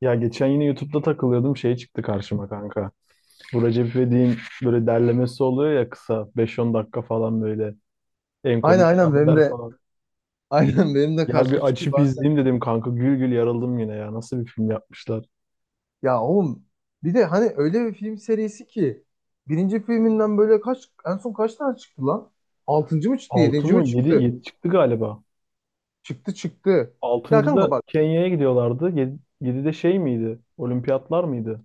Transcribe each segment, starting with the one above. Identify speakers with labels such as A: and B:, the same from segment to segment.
A: Ya geçen yine YouTube'da takılıyordum şey çıktı karşıma kanka. Bu Recep İvedik'in böyle derlemesi oluyor ya kısa beş on dakika falan böyle en
B: Aynen
A: komik
B: aynen benim
A: sahneler
B: de
A: falan.
B: aynen benim de
A: Ya
B: karşıma
A: bir
B: çıkıyor
A: açıp
B: bazen.
A: izleyeyim dedim kanka gül gül yarıldım yine ya nasıl bir film yapmışlar.
B: Ya oğlum, bir de hani öyle bir film serisi ki birinci filminden böyle kaç, en son kaç tane çıktı lan? Altıncı mı çıktı?
A: 6
B: Yedinci
A: mı
B: mi
A: yedi
B: çıktı?
A: yedi çıktı galiba.
B: Çıktı çıktı. Ya kanka
A: Altıncıda
B: bak,
A: Kenya'ya gidiyorlardı. 7'de şey miydi? Olimpiyatlar mıydı?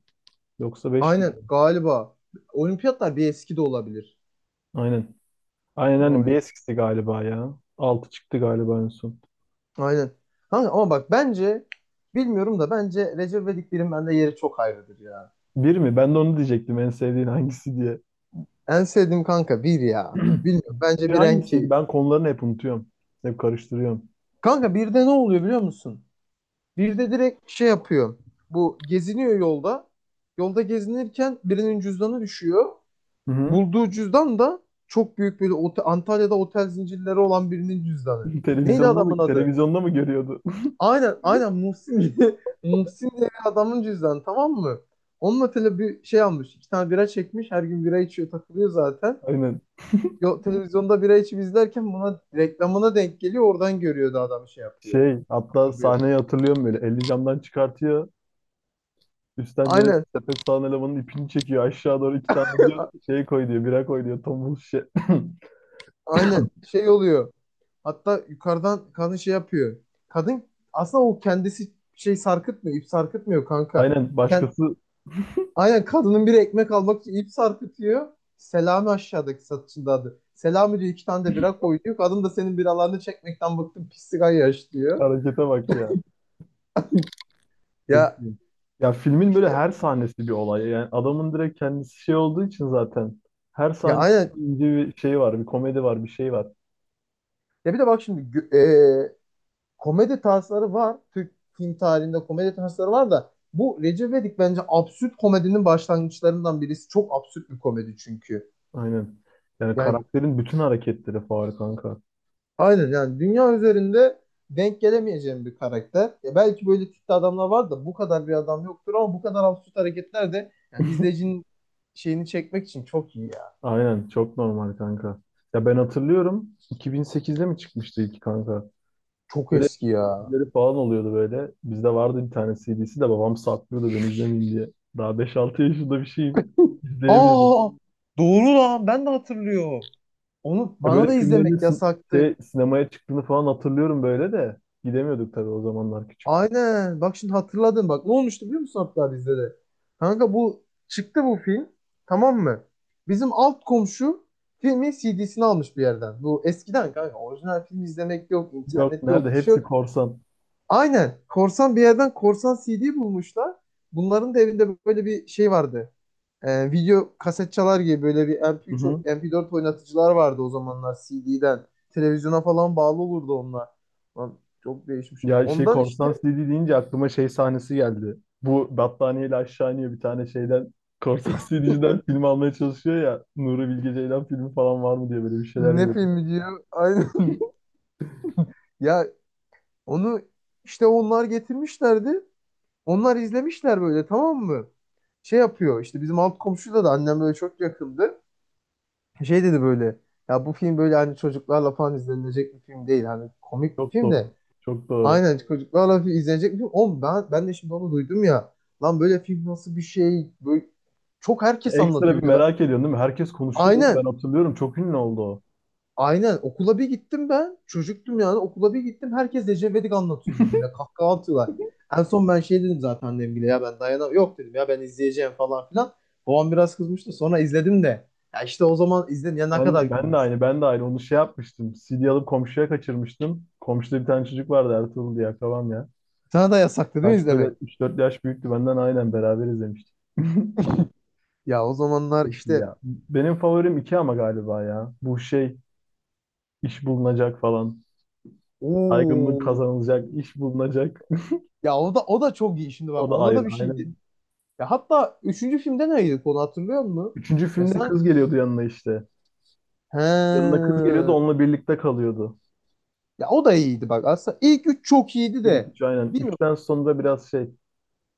A: Yoksa 5
B: aynen
A: miydi?
B: galiba, olimpiyatlar bir eski de olabilir.
A: Aynen. Aynen aynen bir
B: Olabilir.
A: eskisi galiba ya. Altı çıktı galiba en son.
B: Aynen. Kanka ama bak, bence, bilmiyorum da, bence Recep İvedik birin bende yeri çok ayrıdır ya.
A: Bir mi? Ben de onu diyecektim en sevdiğin hangisi diye.
B: En sevdiğim kanka bir ya. Bilmiyorum, bence
A: Bir
B: bir en
A: hangisiydi?
B: keyifli.
A: Ben konularını hep unutuyorum. Hep karıştırıyorum.
B: Kanka birde ne oluyor biliyor musun? Bir de direkt şey yapıyor. Bu geziniyor yolda. Yolda gezinirken birinin cüzdanı düşüyor.
A: Hı hı.
B: Bulduğu cüzdan da çok büyük, böyle Antalya'da otel zincirleri olan birinin cüzdanı. Neydi
A: Televizyonda
B: adamın
A: mı
B: adı?
A: televizyonda mı görüyordu?
B: Aynen Muhsin diye, Muhsin diye bir adamın cüzdanı, tamam mı? Onunla tele bir şey almış. İki tane bira çekmiş. Her gün bira içiyor, takılıyor zaten.
A: Aynen.
B: Yo, televizyonda bira içip izlerken buna reklamına denk geliyor. Oradan görüyordu, adam şey yapıyor.
A: Şey, hatta
B: Hatırlıyor.
A: sahneyi hatırlıyorum böyle. Elini camdan çıkartıyor. Üstten böyle
B: Aynen
A: sepet sağan elemanın ipini çekiyor. Aşağı doğru iki tane diyor. Şey koy diyor. Bira koy diyor. Tombul şişe.
B: aynen şey oluyor. Hatta yukarıdan kadın şey yapıyor. Kadın aslında o kendisi şey sarkıtmıyor, ip sarkıtmıyor kanka.
A: Aynen.
B: Kend
A: Başkası
B: Aynen, kadının biri ekmek almak için ip sarkıtıyor. Selami aşağıdaki satışında adı. Selami diyor, iki tane de bira koy diyor. Kadın da senin biralarını çekmekten bıktım pislik yaş diyor.
A: harekete bak ya. Çok
B: Ya
A: iyi. Ya filmin böyle her sahnesi bir olay. Yani adamın direkt kendisi şey olduğu için zaten. Her
B: ya
A: sahnesi
B: aynen.
A: ince bir şey var. Bir komedi var. Bir şey var.
B: Ya bir de bak şimdi e, komedi tarzları var. Türk film tarihinde komedi tarzları var da bu Recep İvedik bence absürt komedinin başlangıçlarından birisi. Çok absürt bir komedi çünkü.
A: Aynen. Yani
B: Yani
A: karakterin bütün hareketleri faul kanka.
B: Aynen, yani dünya üzerinde denk gelemeyeceğim bir karakter. Ya belki böyle tipte adamlar var da bu kadar bir adam yoktur, ama bu kadar absürt hareketler de yani izleyicinin şeyini çekmek için çok iyi ya.
A: Aynen çok normal kanka. Ya ben hatırlıyorum 2008'de mi çıkmıştı ilk kanka?
B: Çok
A: Böyle
B: eski ya.
A: dizileri falan oluyordu böyle. Bizde vardı bir tane CD'si de babam saklıyordu ben izlemeyeyim diye. Daha beş altı yaşında bir şeyim. İzleyemiyordum.
B: Aa, doğru lan, ben de hatırlıyorum. Onu
A: Ya
B: bana da
A: böyle filmlerin
B: izlemek yasaktı.
A: sinemaya çıktığını falan hatırlıyorum böyle de. Gidemiyorduk tabii o zamanlar küçüktük.
B: Aynen. Bak şimdi hatırladım. Bak ne olmuştu biliyor musun hatta bizde de? Kanka bu çıktı, bu film. Tamam mı? Bizim alt komşu filmin CD'sini almış bir yerden. Bu eskiden kanka, orijinal film izlemek yok,
A: Yok
B: internet yok,
A: nerede
B: bir şey
A: hepsi
B: yok.
A: korsan.
B: Aynen. Korsan bir yerden korsan CD bulmuşlar. Bunların da evinde böyle bir şey vardı. Video kaset çalar gibi böyle bir MP3, MP4 oynatıcılar vardı o zamanlar CD'den. Televizyona falan bağlı olurdu onlar. Lan çok değişmiş.
A: Ya şey
B: Ondan işte.
A: korsan CD deyince aklıma şey sahnesi geldi. Bu battaniyeyle aşağı iniyor bir tane şeyden. Korsan CD'ciden film almaya çalışıyor ya. Nuri Bilge Ceylan filmi falan var mı diye böyle bir şeyler
B: Ne
A: diyordu.
B: filmi diyor? Aynen. Ya onu işte onlar getirmişlerdi. Onlar izlemişler böyle, tamam mı? Şey yapıyor, işte bizim alt komşuyla da annem böyle çok yakındı. Şey dedi böyle, ya bu film böyle hani çocuklarla falan izlenilecek bir film değil. Hani komik bir
A: Çok
B: film
A: doğru.
B: de
A: Çok doğru.
B: aynen çocuklarla izlenecek bir film. Oğlum ben, ben de şimdi onu duydum ya. Lan böyle film nasıl bir şey? Böyle çok herkes
A: Ekstra
B: anlatıyor
A: bir
B: bir de. Ben.
A: merak ediyorsun değil mi? Herkes konuşuyordu. Ben
B: Aynen.
A: hatırlıyorum. Çok ünlü oldu o.
B: Aynen okula bir gittim ben. Çocuktum yani, okula bir gittim. Herkes Ecevit'i anlatıyor birbirine. Kahkaha atıyorlar. En son ben şey dedim zaten annemgile, ya ben dayanamam. Yok dedim, ya ben izleyeceğim falan filan. Babam biraz kızmıştı. Sonra izledim de. Ya işte o zaman izledim ya, ne kadar
A: Ben de aynı.
B: gülmüştüm.
A: Ben de aynı. Onu şey yapmıştım. CD alıp komşuya kaçırmıştım. Komşuda bir tane çocuk vardı Ertuğrul diye akrabam ya.
B: Sana da yasaktı değil mi
A: Belki
B: izlemek?
A: böyle üç dört yaş büyüktü benden aynen beraber izlemiştik.
B: Ya o zamanlar
A: Çok iyi
B: işte,
A: ya. Benim favorim iki ama galiba ya. Bu şey. İş bulunacak falan. Saygınlık
B: ooo.
A: kazanılacak, iş bulunacak.
B: Ya o da, o da çok iyi, şimdi
A: O
B: bak
A: da
B: ona
A: ayrı,
B: da bir şey.
A: aynen.
B: Ya hatta üçüncü filmde neydi konu, hatırlıyor musun?
A: Üçüncü
B: Ya
A: filmde
B: sanki,
A: kız geliyordu yanına işte.
B: he.
A: Yanına kız geliyordu, onunla birlikte kalıyordu.
B: Ya o da iyiydi bak. Aslında ilk üç çok iyiydi
A: İlk
B: de.
A: üç aynen.
B: Bilmiyorum.
A: Üçten sonra biraz şey.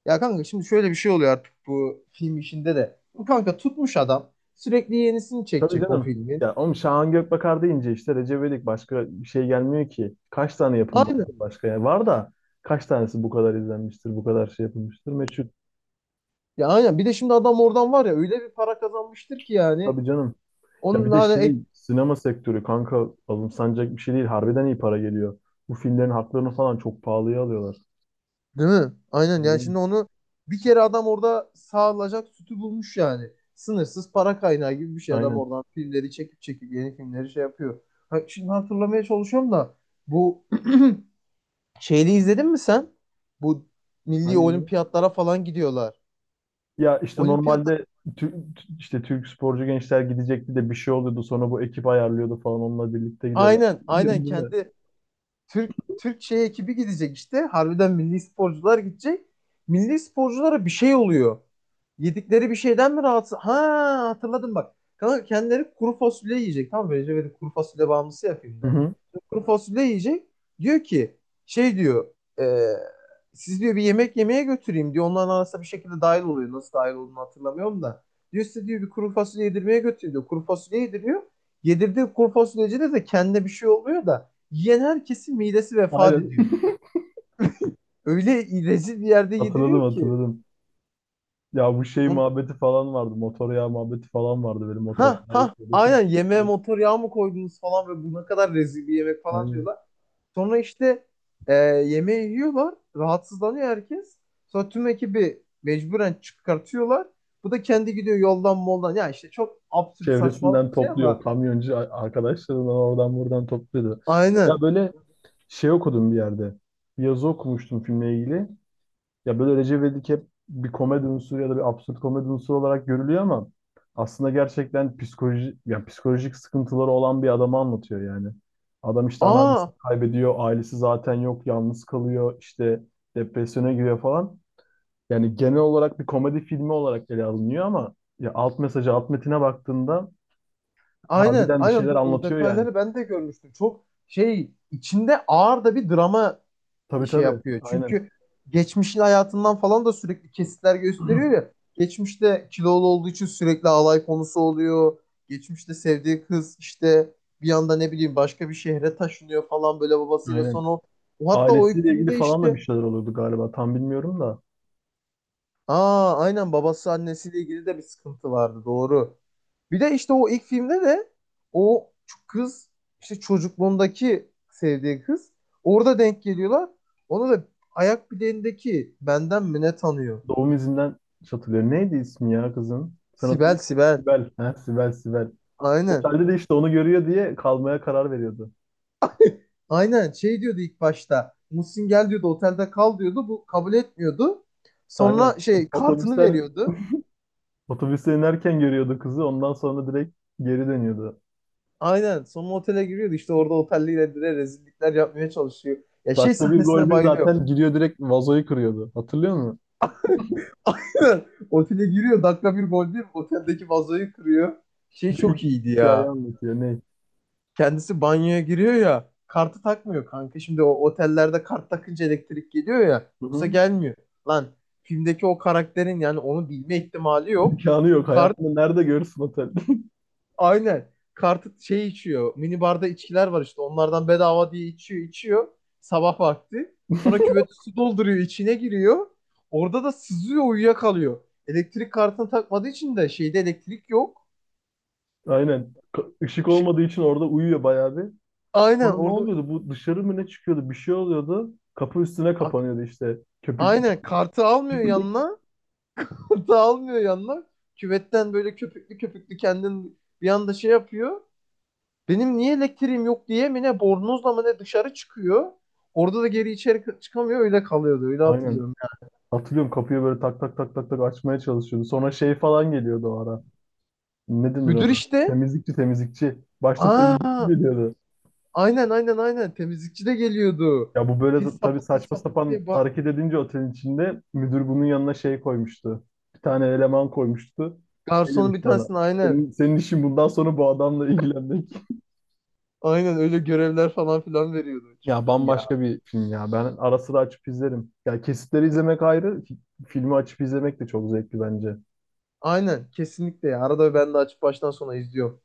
B: Ya kanka şimdi şöyle bir şey oluyor artık bu film işinde de. Bu kanka tutmuş adam. Sürekli yenisini
A: Tabii
B: çekecek o
A: canım.
B: filmin.
A: Ya oğlum Şahan Gökbakar deyince işte Recep İvedik başka bir şey gelmiyor ki. Kaç tane yapım var
B: Aynen.
A: başka ya? Var da kaç tanesi bu kadar izlenmiştir, bu kadar şey yapılmıştır? Meçhul.
B: Ya aynen. Bir de şimdi adam oradan var ya, öyle bir para kazanmıştır ki yani.
A: Tabii canım. Ya
B: Onun
A: bir de
B: hani
A: şey
B: ek...
A: sinema sektörü kanka alımsanacak bir şey değil. Harbiden iyi para geliyor. Bu filmlerin haklarını falan çok pahalıya alıyorlar.
B: Değil mi? Aynen yani,
A: Bilmiyorum.
B: şimdi onu bir kere adam orada sağlayacak sütü bulmuş yani. Sınırsız para kaynağı gibi bir şey, adam
A: Aynen.
B: oradan filmleri çekip çekip yeni filmleri şey yapıyor. Ha, şimdi hatırlamaya çalışıyorum da, bu Şeyli izledin mi sen? Bu milli
A: Hangi?
B: olimpiyatlara falan gidiyorlar.
A: Ya işte
B: Olimpiyat,
A: normalde işte Türk sporcu gençler gidecekti de bir şey oluyordu. Sonra bu ekip ayarlıyordu falan onunla birlikte gidiyorlar.
B: aynen
A: Biliyorsun değil mi?
B: kendi Türk şey ekibi gidecek işte. Harbiden milli sporcular gidecek. Milli sporculara bir şey oluyor. Yedikleri bir şeyden mi rahatsız? Ha, hatırladım bak. Kanka kendileri kuru fasulye yiyecek. Tamam mı? Recep İvedik kuru fasulye bağımlısı ya
A: Hı
B: filmde.
A: hı.
B: Kuru fasulye yiyecek. Diyor ki şey diyor. e, Siz diyor bir yemek yemeye götüreyim diyor. Onların arasında bir şekilde dahil oluyor. Nasıl dahil olduğunu hatırlamıyorum da. Diyor, size diyor bir kuru fasulye yedirmeye götürüyor diyor. Kuru fasulye yediriyor. Yedirdiği kuru fasulyecide de kendine bir şey oluyor da. Yiyen herkesin midesi vefat
A: Aynen.
B: ediyor. Öyle rezil bir yerde
A: Hatırladım
B: yediriyor ki.
A: hatırladım. Ya bu şey
B: On-
A: muhabbeti falan vardı. Motor yağı muhabbeti falan vardı. Böyle motor
B: Ha
A: yağı
B: ha,
A: ekliyorduk.
B: aynen, yemeğe motor yağı mı koydunuz falan ve bu ne kadar rezil bir yemek falan
A: Aynen.
B: diyorlar. Sonra işte, yemeği yiyorlar. Rahatsızlanıyor herkes. Sonra tüm ekibi mecburen çıkartıyorlar. Bu da kendi gidiyor yoldan moldan. Ya işte çok absürt saçmalık
A: Çevresinden
B: bir şey
A: topluyor.
B: ama
A: Kamyoncu arkadaşlarından oradan buradan topluyordu.
B: aynen.
A: Ya böyle şey okudum bir yerde. Bir yazı okumuştum filmle ilgili. Ya böyle Recep İvedik hep bir komedi unsuru ya da bir absürt komedi unsuru olarak görülüyor ama aslında gerçekten psikoloji, yani psikolojik sıkıntıları olan bir adamı anlatıyor yani. Adam işte
B: Aa,
A: anneannesini kaybediyor, ailesi zaten yok, yalnız kalıyor, işte depresyona giriyor falan. Yani genel olarak bir komedi filmi olarak ele alınıyor ama ya alt mesajı, alt metine baktığında
B: aynen
A: harbiden bir
B: aynen
A: şeyler
B: dur, o
A: anlatıyor yani.
B: detayları ben de görmüştüm. Çok şey içinde ağır da bir drama
A: Tabii
B: şey
A: tabii,
B: yapıyor.
A: aynen,
B: Çünkü geçmişin hayatından falan da sürekli kesitler gösteriyor ya. Geçmişte kilolu olduğu için sürekli alay konusu oluyor. Geçmişte sevdiği kız işte bir anda ne bileyim başka bir şehre taşınıyor falan böyle babasıyla
A: aynen.
B: sonra. O- o Hatta o ilk
A: Ailesiyle ilgili
B: filmde
A: falan da bir
B: işte,
A: şeyler oluyordu galiba, tam bilmiyorum da.
B: aa aynen, babası annesiyle ilgili de bir sıkıntı vardı, doğru. Bir de işte o ilk filmde de o kız, işte çocukluğundaki sevdiği kız orada denk geliyorlar. Ona da ayak bileğindeki benden mi ne tanıyor?
A: Doğum izinden hatırlıyorum. Neydi ismi ya kızın? Sen hatırlıyor
B: Sibel
A: musun?
B: Sibel.
A: Sibel. Ha, Sibel, Sibel.
B: Aynen.
A: Otelde de işte onu görüyor diye kalmaya karar veriyordu.
B: Aynen şey diyordu ilk başta. Muhsin gel diyordu, otelde kal diyordu. Bu kabul etmiyordu. Sonra
A: Aynen.
B: şey kartını
A: Otobüsler,
B: veriyordu.
A: otobüse inerken görüyordu kızı. Ondan sonra direkt geri dönüyordu.
B: Aynen. Sonra otele giriyordu. İşte orada otelliyle de rezillikler yapmaya çalışıyor. Ya şey
A: Dakika bir gol
B: sahnesine
A: bir
B: bayılıyorum.
A: zaten giriyor direkt vazoyu kırıyordu. Hatırlıyor musun?
B: Aynen. Otele giriyor, dakika bir gol değil, oteldeki vazoyu kırıyor. Şey
A: Bir de
B: çok iyiydi
A: hikaye
B: ya.
A: anlatıyor. Ne?
B: Kendisi banyoya giriyor ya. Kartı takmıyor kanka. Şimdi o otellerde kart takınca elektrik geliyor ya.
A: Hı
B: Yoksa
A: hı.
B: gelmiyor. Lan filmdeki o karakterin yani onu bilme ihtimali yok.
A: İmkanı yok.
B: kart
A: Hayatında nerede görürsün otel?
B: Aynen. Kartı şey içiyor. Mini barda içkiler var işte. Onlardan bedava diye içiyor, içiyor. Sabah vakti. Sonra küveti su dolduruyor, içine giriyor. Orada da sızıyor, uyuyakalıyor. Elektrik kartını takmadığı için de şeyde elektrik yok.
A: Aynen. Işık
B: Işık.
A: olmadığı için orada uyuyor bayağı bir.
B: Aynen
A: Sonra ne
B: orada
A: oluyordu? Bu dışarı mı ne çıkıyordu? Bir şey oluyordu. Kapı üstüne
B: ak-
A: kapanıyordu işte. Köpük
B: aynen kartı almıyor yanına. Kartı almıyor yanına. Küvetten böyle köpüklü köpüklü kendin bir anda şey yapıyor. Benim niye elektriğim yok diye mi ne, bornozla mı ne dışarı çıkıyor. Orada da geri içeri çıkamıyor, öyle kalıyordu, öyle
A: aynen.
B: hatırlıyorum.
A: Hatırlıyorum kapıyı böyle tak tak tak tak tak açmaya çalışıyordu. Sonra şey falan geliyordu o ara. Ne denir
B: Müdür
A: ona?
B: işte.
A: Temizlikçi temizlikçi. Başta temizlikçi
B: Aa,
A: geliyordu.
B: aynen. Temizlikçi de geliyordu.
A: Ya bu böyle
B: Pis
A: tabii
B: sapık, pis
A: saçma
B: sapık
A: sapan
B: diye bak.
A: hareket edince otelin içinde müdür bunun yanına şey koymuştu. Bir tane eleman koymuştu. Şey
B: Garsonun bir
A: demişti ona.
B: tanesini aynen.
A: Senin işin bundan sonra bu adamla ilgilenmek.
B: Aynen öyle görevler falan filan veriyordu.
A: Ya
B: Çok iyi ya.
A: bambaşka bir film ya. Ben ara sıra açıp izlerim. Ya kesitleri izlemek ayrı, filmi açıp izlemek de çok zevkli bence.
B: Aynen kesinlikle ya. Arada ben de açıp baştan sona izliyorum.